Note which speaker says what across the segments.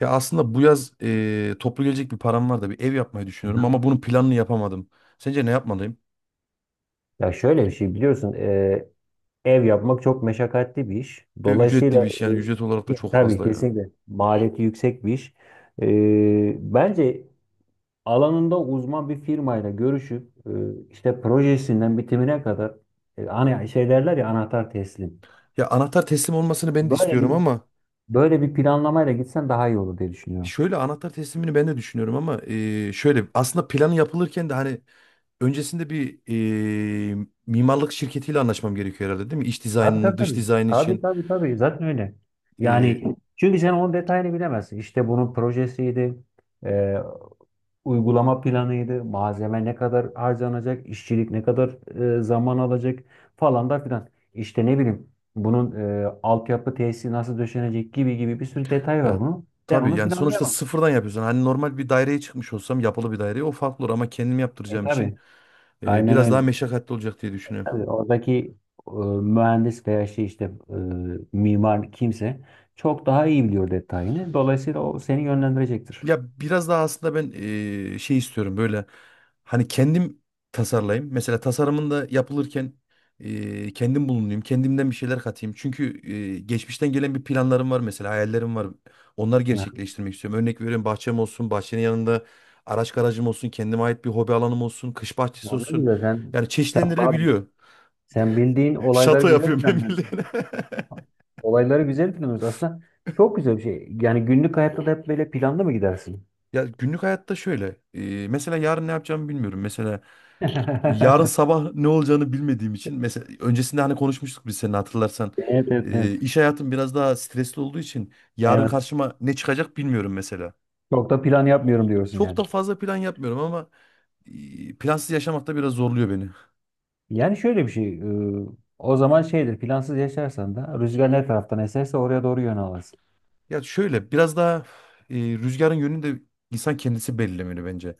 Speaker 1: Ya aslında bu yaz toplu gelecek bir param var da bir ev yapmayı düşünüyorum
Speaker 2: Aha.
Speaker 1: ama bunun planını yapamadım. Sence ne yapmalıyım?
Speaker 2: Ya şöyle bir şey biliyorsun, ev yapmak çok meşakkatli bir iş.
Speaker 1: Ve ücretli bir
Speaker 2: Dolayısıyla
Speaker 1: iş yani ücret olarak da çok
Speaker 2: tabii
Speaker 1: fazla ya.
Speaker 2: kesinlikle maliyeti yüksek bir iş. Bence alanında uzman bir firmayla görüşüp, işte projesinden bitimine kadar, hani şey derler ya, anahtar teslim.
Speaker 1: Ya anahtar teslim olmasını ben de
Speaker 2: Böyle
Speaker 1: istiyorum
Speaker 2: bir
Speaker 1: ama
Speaker 2: böyle bir planlamayla gitsen daha iyi olur diye düşünüyorum.
Speaker 1: şöyle anahtar teslimini ben de düşünüyorum ama şöyle aslında planı yapılırken de hani öncesinde bir mimarlık şirketiyle anlaşmam gerekiyor herhalde, değil mi? İç
Speaker 2: Tabii,
Speaker 1: dizaynını,
Speaker 2: tabii,
Speaker 1: dış
Speaker 2: tabii.
Speaker 1: dizayn
Speaker 2: Tabii,
Speaker 1: için
Speaker 2: tabii, tabii. Zaten öyle.
Speaker 1: eee,
Speaker 2: Yani çünkü sen onun detayını bilemezsin. İşte bunun projesiydi, uygulama planıydı, malzeme ne kadar harcanacak, işçilik ne kadar zaman alacak falan da filan. İşte ne bileyim bunun altyapı tesisi nasıl döşenecek gibi gibi, bir sürü detay
Speaker 1: ya
Speaker 2: var bunun. Sen
Speaker 1: tabii
Speaker 2: onu
Speaker 1: yani sonuçta
Speaker 2: planlayamazsın.
Speaker 1: sıfırdan yapıyorsun. Hani normal bir daireye çıkmış olsam, yapılı bir daireye, o farklı olur ama kendim
Speaker 2: E
Speaker 1: yaptıracağım için
Speaker 2: tabii aynen
Speaker 1: biraz daha
Speaker 2: öyle.
Speaker 1: meşakkatli olacak diye düşünüyorum.
Speaker 2: Tabii oradaki, e, mühendis veya şey işte, e, mimar kimse çok daha iyi biliyor detayını. Dolayısıyla o seni yönlendirecektir.
Speaker 1: Ya biraz daha aslında ben şey istiyorum, böyle hani kendim tasarlayayım. Mesela tasarımında yapılırken kendim bulunayım. Kendimden bir şeyler katayım. Çünkü geçmişten gelen bir planlarım var, mesela hayallerim var. Onları
Speaker 2: Ha,
Speaker 1: gerçekleştirmek istiyorum. Örnek veriyorum, bahçem olsun, bahçenin yanında araç garajım olsun, kendime ait bir hobi alanım olsun, kış bahçesi
Speaker 2: ona
Speaker 1: olsun.
Speaker 2: göre sen,
Speaker 1: Yani
Speaker 2: sen,
Speaker 1: çeşitlendirilebiliyor.
Speaker 2: bildiğin olayları
Speaker 1: Şato
Speaker 2: güzel
Speaker 1: yapıyorum ben
Speaker 2: planlıyorsun.
Speaker 1: bildiğin.
Speaker 2: Olayları güzel planlıyoruz. Aslında çok güzel bir şey. Yani günlük hayatta da hep böyle planlı mı gidersin?
Speaker 1: Ya günlük hayatta şöyle. Mesela yarın ne yapacağımı bilmiyorum. Mesela yarın sabah ne olacağını bilmediğim için, mesela öncesinde hani konuşmuştuk biz seninle hatırlarsan.
Speaker 2: Evet, evet, evet.
Speaker 1: İş hayatım biraz daha stresli olduğu için yarın
Speaker 2: Evet.
Speaker 1: karşıma ne çıkacak bilmiyorum mesela.
Speaker 2: Çok da plan yapmıyorum diyorsun
Speaker 1: Çok
Speaker 2: yani.
Speaker 1: da fazla plan yapmıyorum ama plansız yaşamak da biraz zorluyor beni.
Speaker 2: Yani şöyle bir şey. O zaman şeydir, plansız yaşarsan da rüzgar ne taraftan eserse oraya doğru yön alırsın.
Speaker 1: Ya şöyle biraz daha rüzgarın yönünü de insan kendisi belirlemeli bence.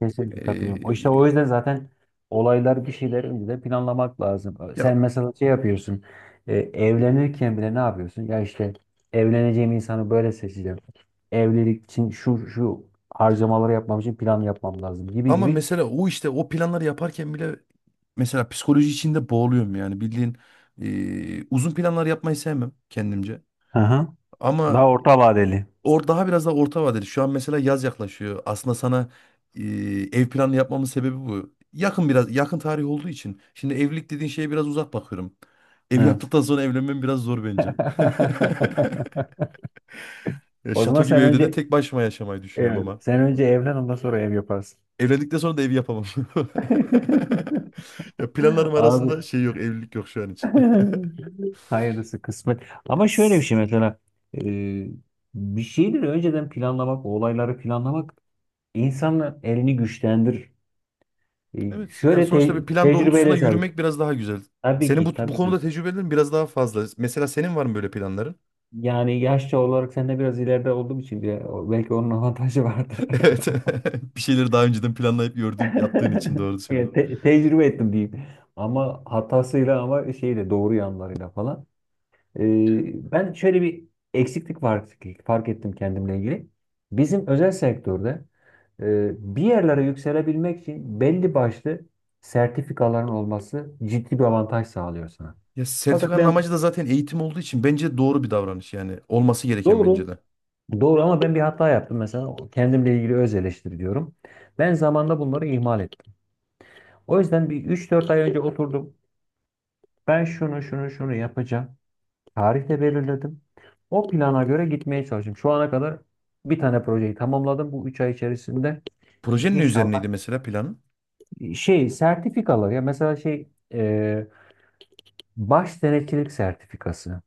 Speaker 2: Kesinlikle katılıyorum. İşte o
Speaker 1: Ee,
Speaker 2: yüzden zaten olaylar, bir şeyler önceden planlamak lazım.
Speaker 1: ya
Speaker 2: Sen mesela şey yapıyorsun. Evlenirken bile ne yapıyorsun? Ya işte, evleneceğim insanı böyle seçeceğim. Evlilik için şu şu harcamaları yapmam için plan yapmam lazım, gibi
Speaker 1: ama
Speaker 2: gibi.
Speaker 1: mesela o işte o planları yaparken bile mesela psikoloji içinde boğuluyorum yani bildiğin uzun planlar yapmayı sevmem kendimce.
Speaker 2: Hı hı.
Speaker 1: Ama
Speaker 2: Daha orta vadeli.
Speaker 1: Daha biraz daha orta vadeli. Şu an mesela yaz yaklaşıyor. Aslında sana e, ev planı yapmamın sebebi bu. Yakın, biraz yakın tarih olduğu için. Şimdi evlilik dediğin şeye biraz uzak bakıyorum. Ev
Speaker 2: Evet.
Speaker 1: yaptıktan sonra evlenmem biraz zor bence. Ya
Speaker 2: O
Speaker 1: şato
Speaker 2: zaman
Speaker 1: gibi
Speaker 2: sen
Speaker 1: evde de
Speaker 2: önce
Speaker 1: tek başıma yaşamayı düşünüyorum
Speaker 2: evet,
Speaker 1: ama.
Speaker 2: sen önce evlen, ondan sonra ev yaparsın.
Speaker 1: Evlendikten sonra da ev yapamam. Ya planlarım
Speaker 2: Abi,
Speaker 1: arasında şey yok, evlilik yok şu an için.
Speaker 2: hayırlısı kısmet. Ama şöyle bir
Speaker 1: Yes.
Speaker 2: şey mesela, e, bir şeyleri önceden planlamak, o olayları planlamak insanın elini güçlendirir. E,
Speaker 1: Evet, yani
Speaker 2: şöyle
Speaker 1: sonuçta bir plan doğrultusunda
Speaker 2: tecrübeyle sabit.
Speaker 1: yürümek biraz daha güzel.
Speaker 2: Tabii
Speaker 1: Senin bu,
Speaker 2: ki,
Speaker 1: bu
Speaker 2: tabii ki.
Speaker 1: konuda tecrübelerin biraz daha fazla. Mesela senin var mı böyle planların?
Speaker 2: Yani yaşça olarak senden biraz ileride olduğum için bile belki onun avantajı vardı.
Speaker 1: Evet. Bir şeyleri daha önceden planlayıp gördüğüm, yaptığın için doğru söylüyorum.
Speaker 2: Yani tecrübe ettim diyeyim. Ama hatasıyla, ama şeyle, doğru yanlarıyla falan. Ben şöyle bir eksiklik var, fark ettim kendimle ilgili. Bizim özel sektörde bir yerlere yükselebilmek için belli başlı sertifikaların olması ciddi bir avantaj sağlıyor sana.
Speaker 1: Ya
Speaker 2: Fakat
Speaker 1: sertifikanın
Speaker 2: ben
Speaker 1: amacı da zaten eğitim olduğu için bence doğru bir davranış yani. Olması gereken bence
Speaker 2: doğru,
Speaker 1: de.
Speaker 2: doğru, ama ben bir hata yaptım. Mesela kendimle ilgili öz eleştiri diyorum. Ben zamanda bunları ihmal ettim. O yüzden bir üç dört ay önce oturdum. Ben şunu şunu şunu yapacağım. Tarih de belirledim. O plana göre gitmeye çalıştım. Şu ana kadar bir tane projeyi tamamladım bu 3 ay içerisinde.
Speaker 1: Projenin ne
Speaker 2: İnşallah
Speaker 1: üzerineydi mesela planın?
Speaker 2: şey sertifikalar ya, mesela şey, baş denetçilik sertifikası.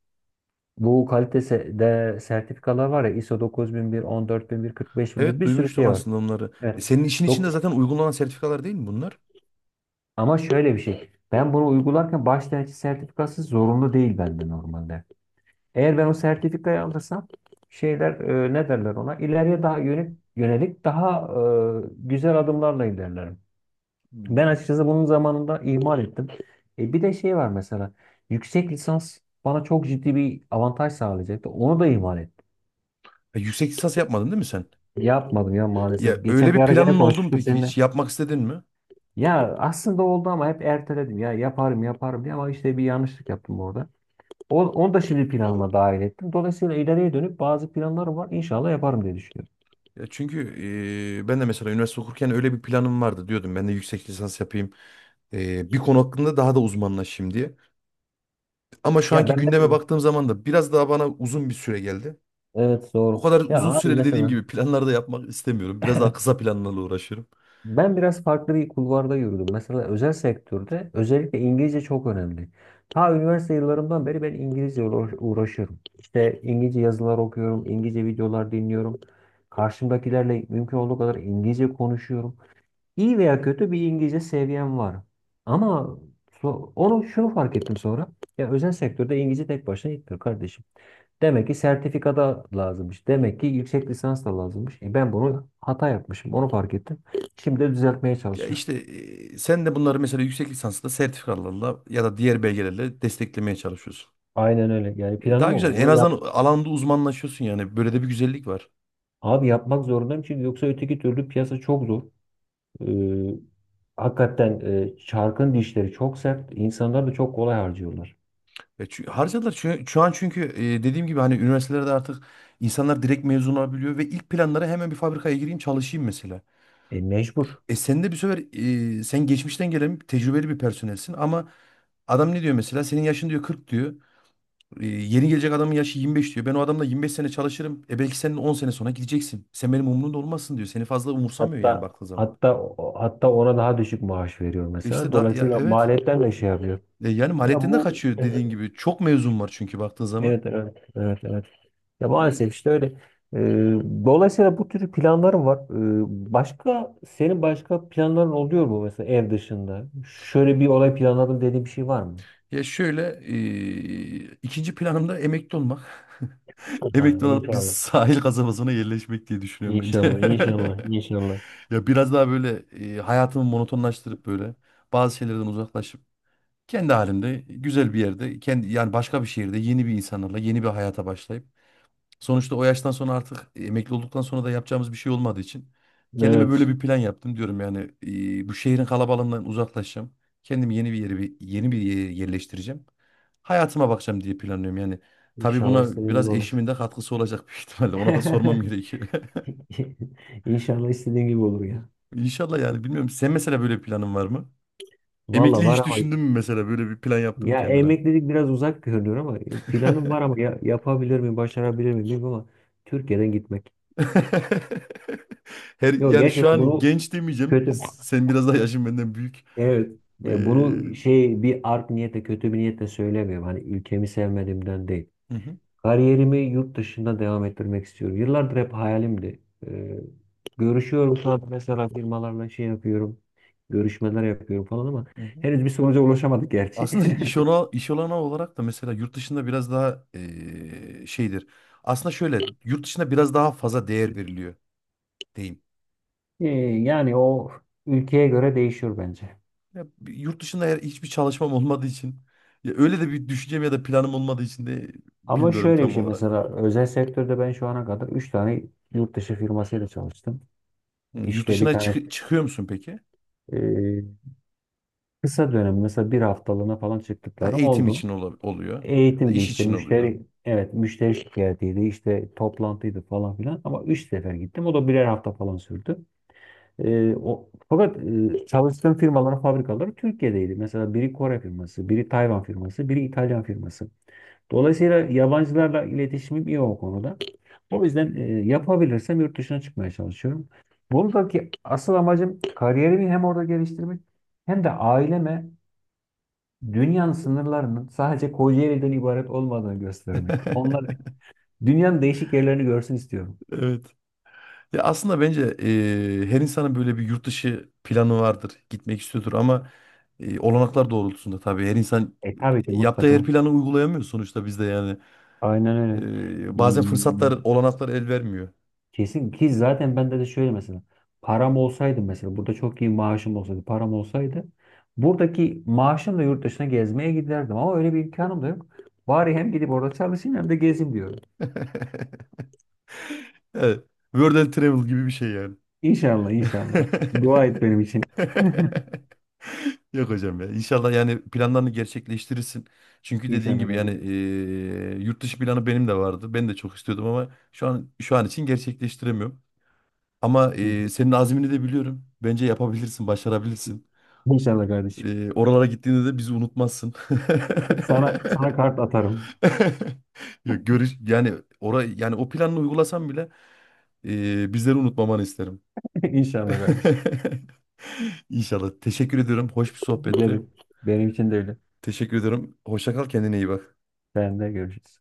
Speaker 2: Bu kalitede sertifikalar var ya: ISO 9001, 14001, 45001, kırk beş bin bir,
Speaker 1: Evet,
Speaker 2: bir sürü
Speaker 1: duymuştum
Speaker 2: şey var.
Speaker 1: aslında onları.
Speaker 2: Evet.
Speaker 1: Senin işin içinde
Speaker 2: Dok-
Speaker 1: zaten uygulanan sertifikalar değil mi bunlar?
Speaker 2: Ama şöyle bir şey. Ben bunu uygularken baş denetçi sertifikası zorunlu değil bende normalde. Eğer ben o sertifikayı alırsam şeyler, ne derler ona, İleriye daha yönelik, daha güzel adımlarla ilerlerim. Ben
Speaker 1: Hmm.
Speaker 2: açıkçası bunun zamanında ihmal ettim. Bir de şey var mesela. Yüksek lisans bana çok ciddi bir avantaj sağlayacaktı. Onu da ihmal ettim.
Speaker 1: Yüksek lisans yapmadın değil mi sen?
Speaker 2: Yapmadım ya
Speaker 1: Ya
Speaker 2: maalesef.
Speaker 1: öyle
Speaker 2: Geçen bir
Speaker 1: bir
Speaker 2: ara gene
Speaker 1: planın oldu mu
Speaker 2: konuşmuştuk
Speaker 1: peki
Speaker 2: seninle.
Speaker 1: hiç? Yapmak istedin mi?
Speaker 2: Ya aslında oldu ama hep erteledim. Ya yaparım yaparım diye, ama işte bir yanlışlık yaptım orada. Onu da şimdi planıma dahil ettim. Dolayısıyla ileriye dönüp bazı planlarım var. İnşallah yaparım diye düşünüyorum.
Speaker 1: Ya çünkü ben de mesela üniversite okurken öyle bir planım vardı diyordum. Ben de yüksek lisans yapayım. Eee, konu hakkında daha da uzmanlaşayım diye. Ama şu
Speaker 2: Ya
Speaker 1: anki
Speaker 2: ben
Speaker 1: gündeme
Speaker 2: mesela,
Speaker 1: baktığım zaman da biraz daha bana uzun bir süre geldi.
Speaker 2: evet
Speaker 1: O
Speaker 2: doğru.
Speaker 1: kadar
Speaker 2: Ya
Speaker 1: uzun
Speaker 2: abi
Speaker 1: süreli, dediğim
Speaker 2: mesela,
Speaker 1: gibi, planlar da yapmak istemiyorum. Biraz daha kısa planlarla uğraşıyorum.
Speaker 2: ben biraz farklı bir kulvarda yürüdüm. Mesela özel sektörde özellikle İngilizce çok önemli. Ta üniversite yıllarımdan beri ben İngilizce uğraşıyorum. İşte İngilizce yazılar okuyorum, İngilizce videolar dinliyorum. Karşımdakilerle mümkün olduğu kadar İngilizce konuşuyorum. İyi veya kötü bir İngilizce seviyem var. Ama onu şunu fark ettim sonra. Ya özel sektörde İngilizce tek başına yetmiyor kardeşim. Demek ki sertifikada lazımmış. Demek ki yüksek lisans da lazımmış. Ben bunu hata yapmışım. Onu fark ettim. Şimdi de düzeltmeye
Speaker 1: Ya
Speaker 2: çalışıyorum.
Speaker 1: işte sen de bunları mesela yüksek lisansla, sertifikalarla ya da diğer belgelerle desteklemeye çalışıyorsun.
Speaker 2: Aynen öyle. Yani planım
Speaker 1: Daha
Speaker 2: o.
Speaker 1: güzel. En
Speaker 2: Onu
Speaker 1: azından
Speaker 2: yap.
Speaker 1: alanda uzmanlaşıyorsun yani. Böyle de bir güzellik var.
Speaker 2: Abi yapmak zorundayım, çünkü yoksa öteki türlü piyasa çok zor. Ee, hakikaten çarkın dişleri çok sert. İnsanlar da çok kolay harcıyorlar.
Speaker 1: Harcadılar. Şu an çünkü dediğim gibi hani üniversitelerde artık insanlar direkt mezun olabiliyor ve ilk planları hemen bir fabrikaya gireyim çalışayım mesela.
Speaker 2: Mecbur.
Speaker 1: E sen de bir sefer sen geçmişten gelen tecrübeli bir personelsin ama adam ne diyor mesela? Senin yaşın diyor 40 diyor. Yeni gelecek adamın yaşı 25 diyor. Ben o adamla 25 sene çalışırım. E belki senin 10 sene sonra gideceksin. Sen benim umurumda olmazsın diyor. Seni fazla umursamıyor yani
Speaker 2: Hatta
Speaker 1: baktığı zaman.
Speaker 2: hatta Hatta ona daha düşük maaş veriyor
Speaker 1: E
Speaker 2: mesela.
Speaker 1: İşte da ya
Speaker 2: Dolayısıyla
Speaker 1: evet.
Speaker 2: maliyetten de şey yapıyor.
Speaker 1: Yani
Speaker 2: Ya
Speaker 1: maliyetten de
Speaker 2: bu
Speaker 1: kaçıyor
Speaker 2: işte,
Speaker 1: dediğin gibi. Çok mezun var çünkü baktığı zaman.
Speaker 2: Evet, evet, evet, evet. Ya
Speaker 1: Yani
Speaker 2: maalesef işte öyle. Ee, dolayısıyla bu tür planlarım var. Başka Senin başka planların oluyor mu mesela, ev dışında? Şöyle bir olay planladım dediğin bir şey var mı?
Speaker 1: şöyle ikinci planımda emekli olmak.
Speaker 2: Ha,
Speaker 1: Emekli olup biz
Speaker 2: inşallah.
Speaker 1: sahil kasabasına yerleşmek diye düşünüyorum bence.
Speaker 2: İnşallah, inşallah, inşallah.
Speaker 1: Ya biraz daha böyle hayatımı monotonlaştırıp, böyle bazı şeylerden uzaklaşıp, kendi halimde güzel bir yerde, kendi yani başka bir şehirde, yeni bir insanlarla yeni bir hayata başlayıp, sonuçta o yaştan sonra artık emekli olduktan sonra da yapacağımız bir şey olmadığı için kendime böyle
Speaker 2: Evet.
Speaker 1: bir plan yaptım diyorum yani. Bu şehrin kalabalığından uzaklaşacağım. Kendimi yeni bir yere, yeni bir yere yerleştireceğim. Hayatıma bakacağım diye planlıyorum yani. Tabii
Speaker 2: İnşallah
Speaker 1: buna
Speaker 2: istediğin gibi
Speaker 1: biraz
Speaker 2: olur.
Speaker 1: eşimin de katkısı olacak büyük ihtimalle. Ona da sormam gerekiyor.
Speaker 2: İnşallah istediğin gibi olur ya.
Speaker 1: İnşallah yani bilmiyorum. Sen mesela böyle bir planın var mı?
Speaker 2: Valla
Speaker 1: Emekli
Speaker 2: var
Speaker 1: hiç
Speaker 2: ama,
Speaker 1: düşündün mü, mesela böyle bir plan yaptın mı
Speaker 2: ya
Speaker 1: kendine?
Speaker 2: emeklilik biraz uzak görünüyor, ama planım var ama, ya, yapabilir miyim, başarabilir miyim bilmiyorum, ama Türkiye'den gitmek.
Speaker 1: Her
Speaker 2: Yok,
Speaker 1: yani şu
Speaker 2: gerçekten
Speaker 1: an
Speaker 2: bunu,
Speaker 1: genç demeyeceğim.
Speaker 2: kötü.
Speaker 1: Sen biraz daha yaşın benden büyük.
Speaker 2: Evet.
Speaker 1: Ee,
Speaker 2: Bunu
Speaker 1: hı
Speaker 2: şey bir art niyete, kötü bir niyetle söylemiyorum. Hani ülkemi sevmediğimden değil.
Speaker 1: hı,
Speaker 2: Kariyerimi yurt dışında devam ettirmek istiyorum. Yıllardır hep hayalimdi. E, görüşüyorum şu an mesela firmalarla, şey yapıyorum. Görüşmeler yapıyorum falan, ama
Speaker 1: hı hı.
Speaker 2: henüz bir sonuca ulaşamadık gerçi.
Speaker 1: Aslında iş ona, iş olanağı olarak da mesela yurt dışında biraz daha şeydir. Aslında şöyle, yurt dışında biraz daha fazla değer veriliyor diyeyim.
Speaker 2: E, yani o ülkeye göre değişiyor bence.
Speaker 1: Ya, yurt dışında eğer hiçbir çalışmam olmadığı için, ya öyle de bir düşüncem ya da planım olmadığı için de
Speaker 2: Ama
Speaker 1: bilmiyorum
Speaker 2: şöyle bir
Speaker 1: tam
Speaker 2: şey
Speaker 1: olarak.
Speaker 2: mesela, özel sektörde ben şu ana kadar 3 tane yurt dışı firmasıyla çalıştım.
Speaker 1: Hı, yurt
Speaker 2: İşte bir
Speaker 1: dışına
Speaker 2: tane
Speaker 1: çıkıyor musun peki?
Speaker 2: e, kısa dönem mesela, bir haftalığına falan
Speaker 1: Ha,
Speaker 2: çıktıkları
Speaker 1: eğitim
Speaker 2: oldu.
Speaker 1: için oluyor ya da
Speaker 2: Eğitimdi
Speaker 1: iş
Speaker 2: işte,
Speaker 1: için oluyor.
Speaker 2: müşteri, evet, müşteri şikayetiydi, işte toplantıydı falan filan, ama üç sefer gittim, o da birer hafta falan sürdü. Fakat çalıştığım firmaların fabrikaları Türkiye'deydi. Mesela biri Kore firması, biri Tayvan firması, biri İtalyan firması. Dolayısıyla yabancılarla iletişimim iyi o konuda. O yüzden yapabilirsem yurt dışına çıkmaya çalışıyorum. Buradaki asıl amacım kariyerimi hem orada geliştirmek, hem de aileme dünyanın sınırlarının sadece Kocaeli'den ibaret olmadığını göstermek. Onlar dünyanın değişik yerlerini görsün istiyorum.
Speaker 1: Evet. Ya aslında bence her insanın böyle bir yurt dışı planı vardır. Gitmek istiyordur ama olanaklar doğrultusunda tabii her insan
Speaker 2: Tabii ki
Speaker 1: yaptığı her
Speaker 2: mutlaka.
Speaker 1: planı uygulayamıyor sonuçta bizde yani.
Speaker 2: Aynen öyle. Ee,
Speaker 1: Bazen fırsatlar, olanaklar el vermiyor.
Speaker 2: kesin ki zaten, bende de şöyle mesela, param olsaydı, mesela burada çok iyi maaşım olsaydı, param olsaydı, buradaki maaşımla yurt dışına gezmeye giderdim, ama öyle bir imkanım da yok. Bari hem gidip orada çalışayım, hem de gezeyim diyorum.
Speaker 1: Evet. World and Travel gibi bir şey yani.
Speaker 2: İnşallah, inşallah. Dua et benim için.
Speaker 1: Yok hocam ya. İnşallah yani planlarını gerçekleştirirsin. Çünkü dediğin
Speaker 2: İnşallah
Speaker 1: gibi yani
Speaker 2: kardeşim.
Speaker 1: yurt dışı planı benim de vardı. Ben de çok istiyordum ama şu an, şu an için gerçekleştiremiyorum. Ama
Speaker 2: Hı hı.
Speaker 1: senin azmini de biliyorum. Bence yapabilirsin, başarabilirsin.
Speaker 2: İnşallah kardeşim.
Speaker 1: Oralara gittiğinde de bizi unutmazsın.
Speaker 2: Sana kart atarım.
Speaker 1: Ya görüş yani orayı, yani o planını uygulasam bile bizleri unutmamanı isterim.
Speaker 2: İnşallah kardeşim.
Speaker 1: İnşallah. Teşekkür ediyorum. Hoş bir sohbetti.
Speaker 2: Gelin. Benim için de öyle.
Speaker 1: Teşekkür ediyorum. Hoşça kal, kendine iyi bak.
Speaker 2: Sen de görüşürüz.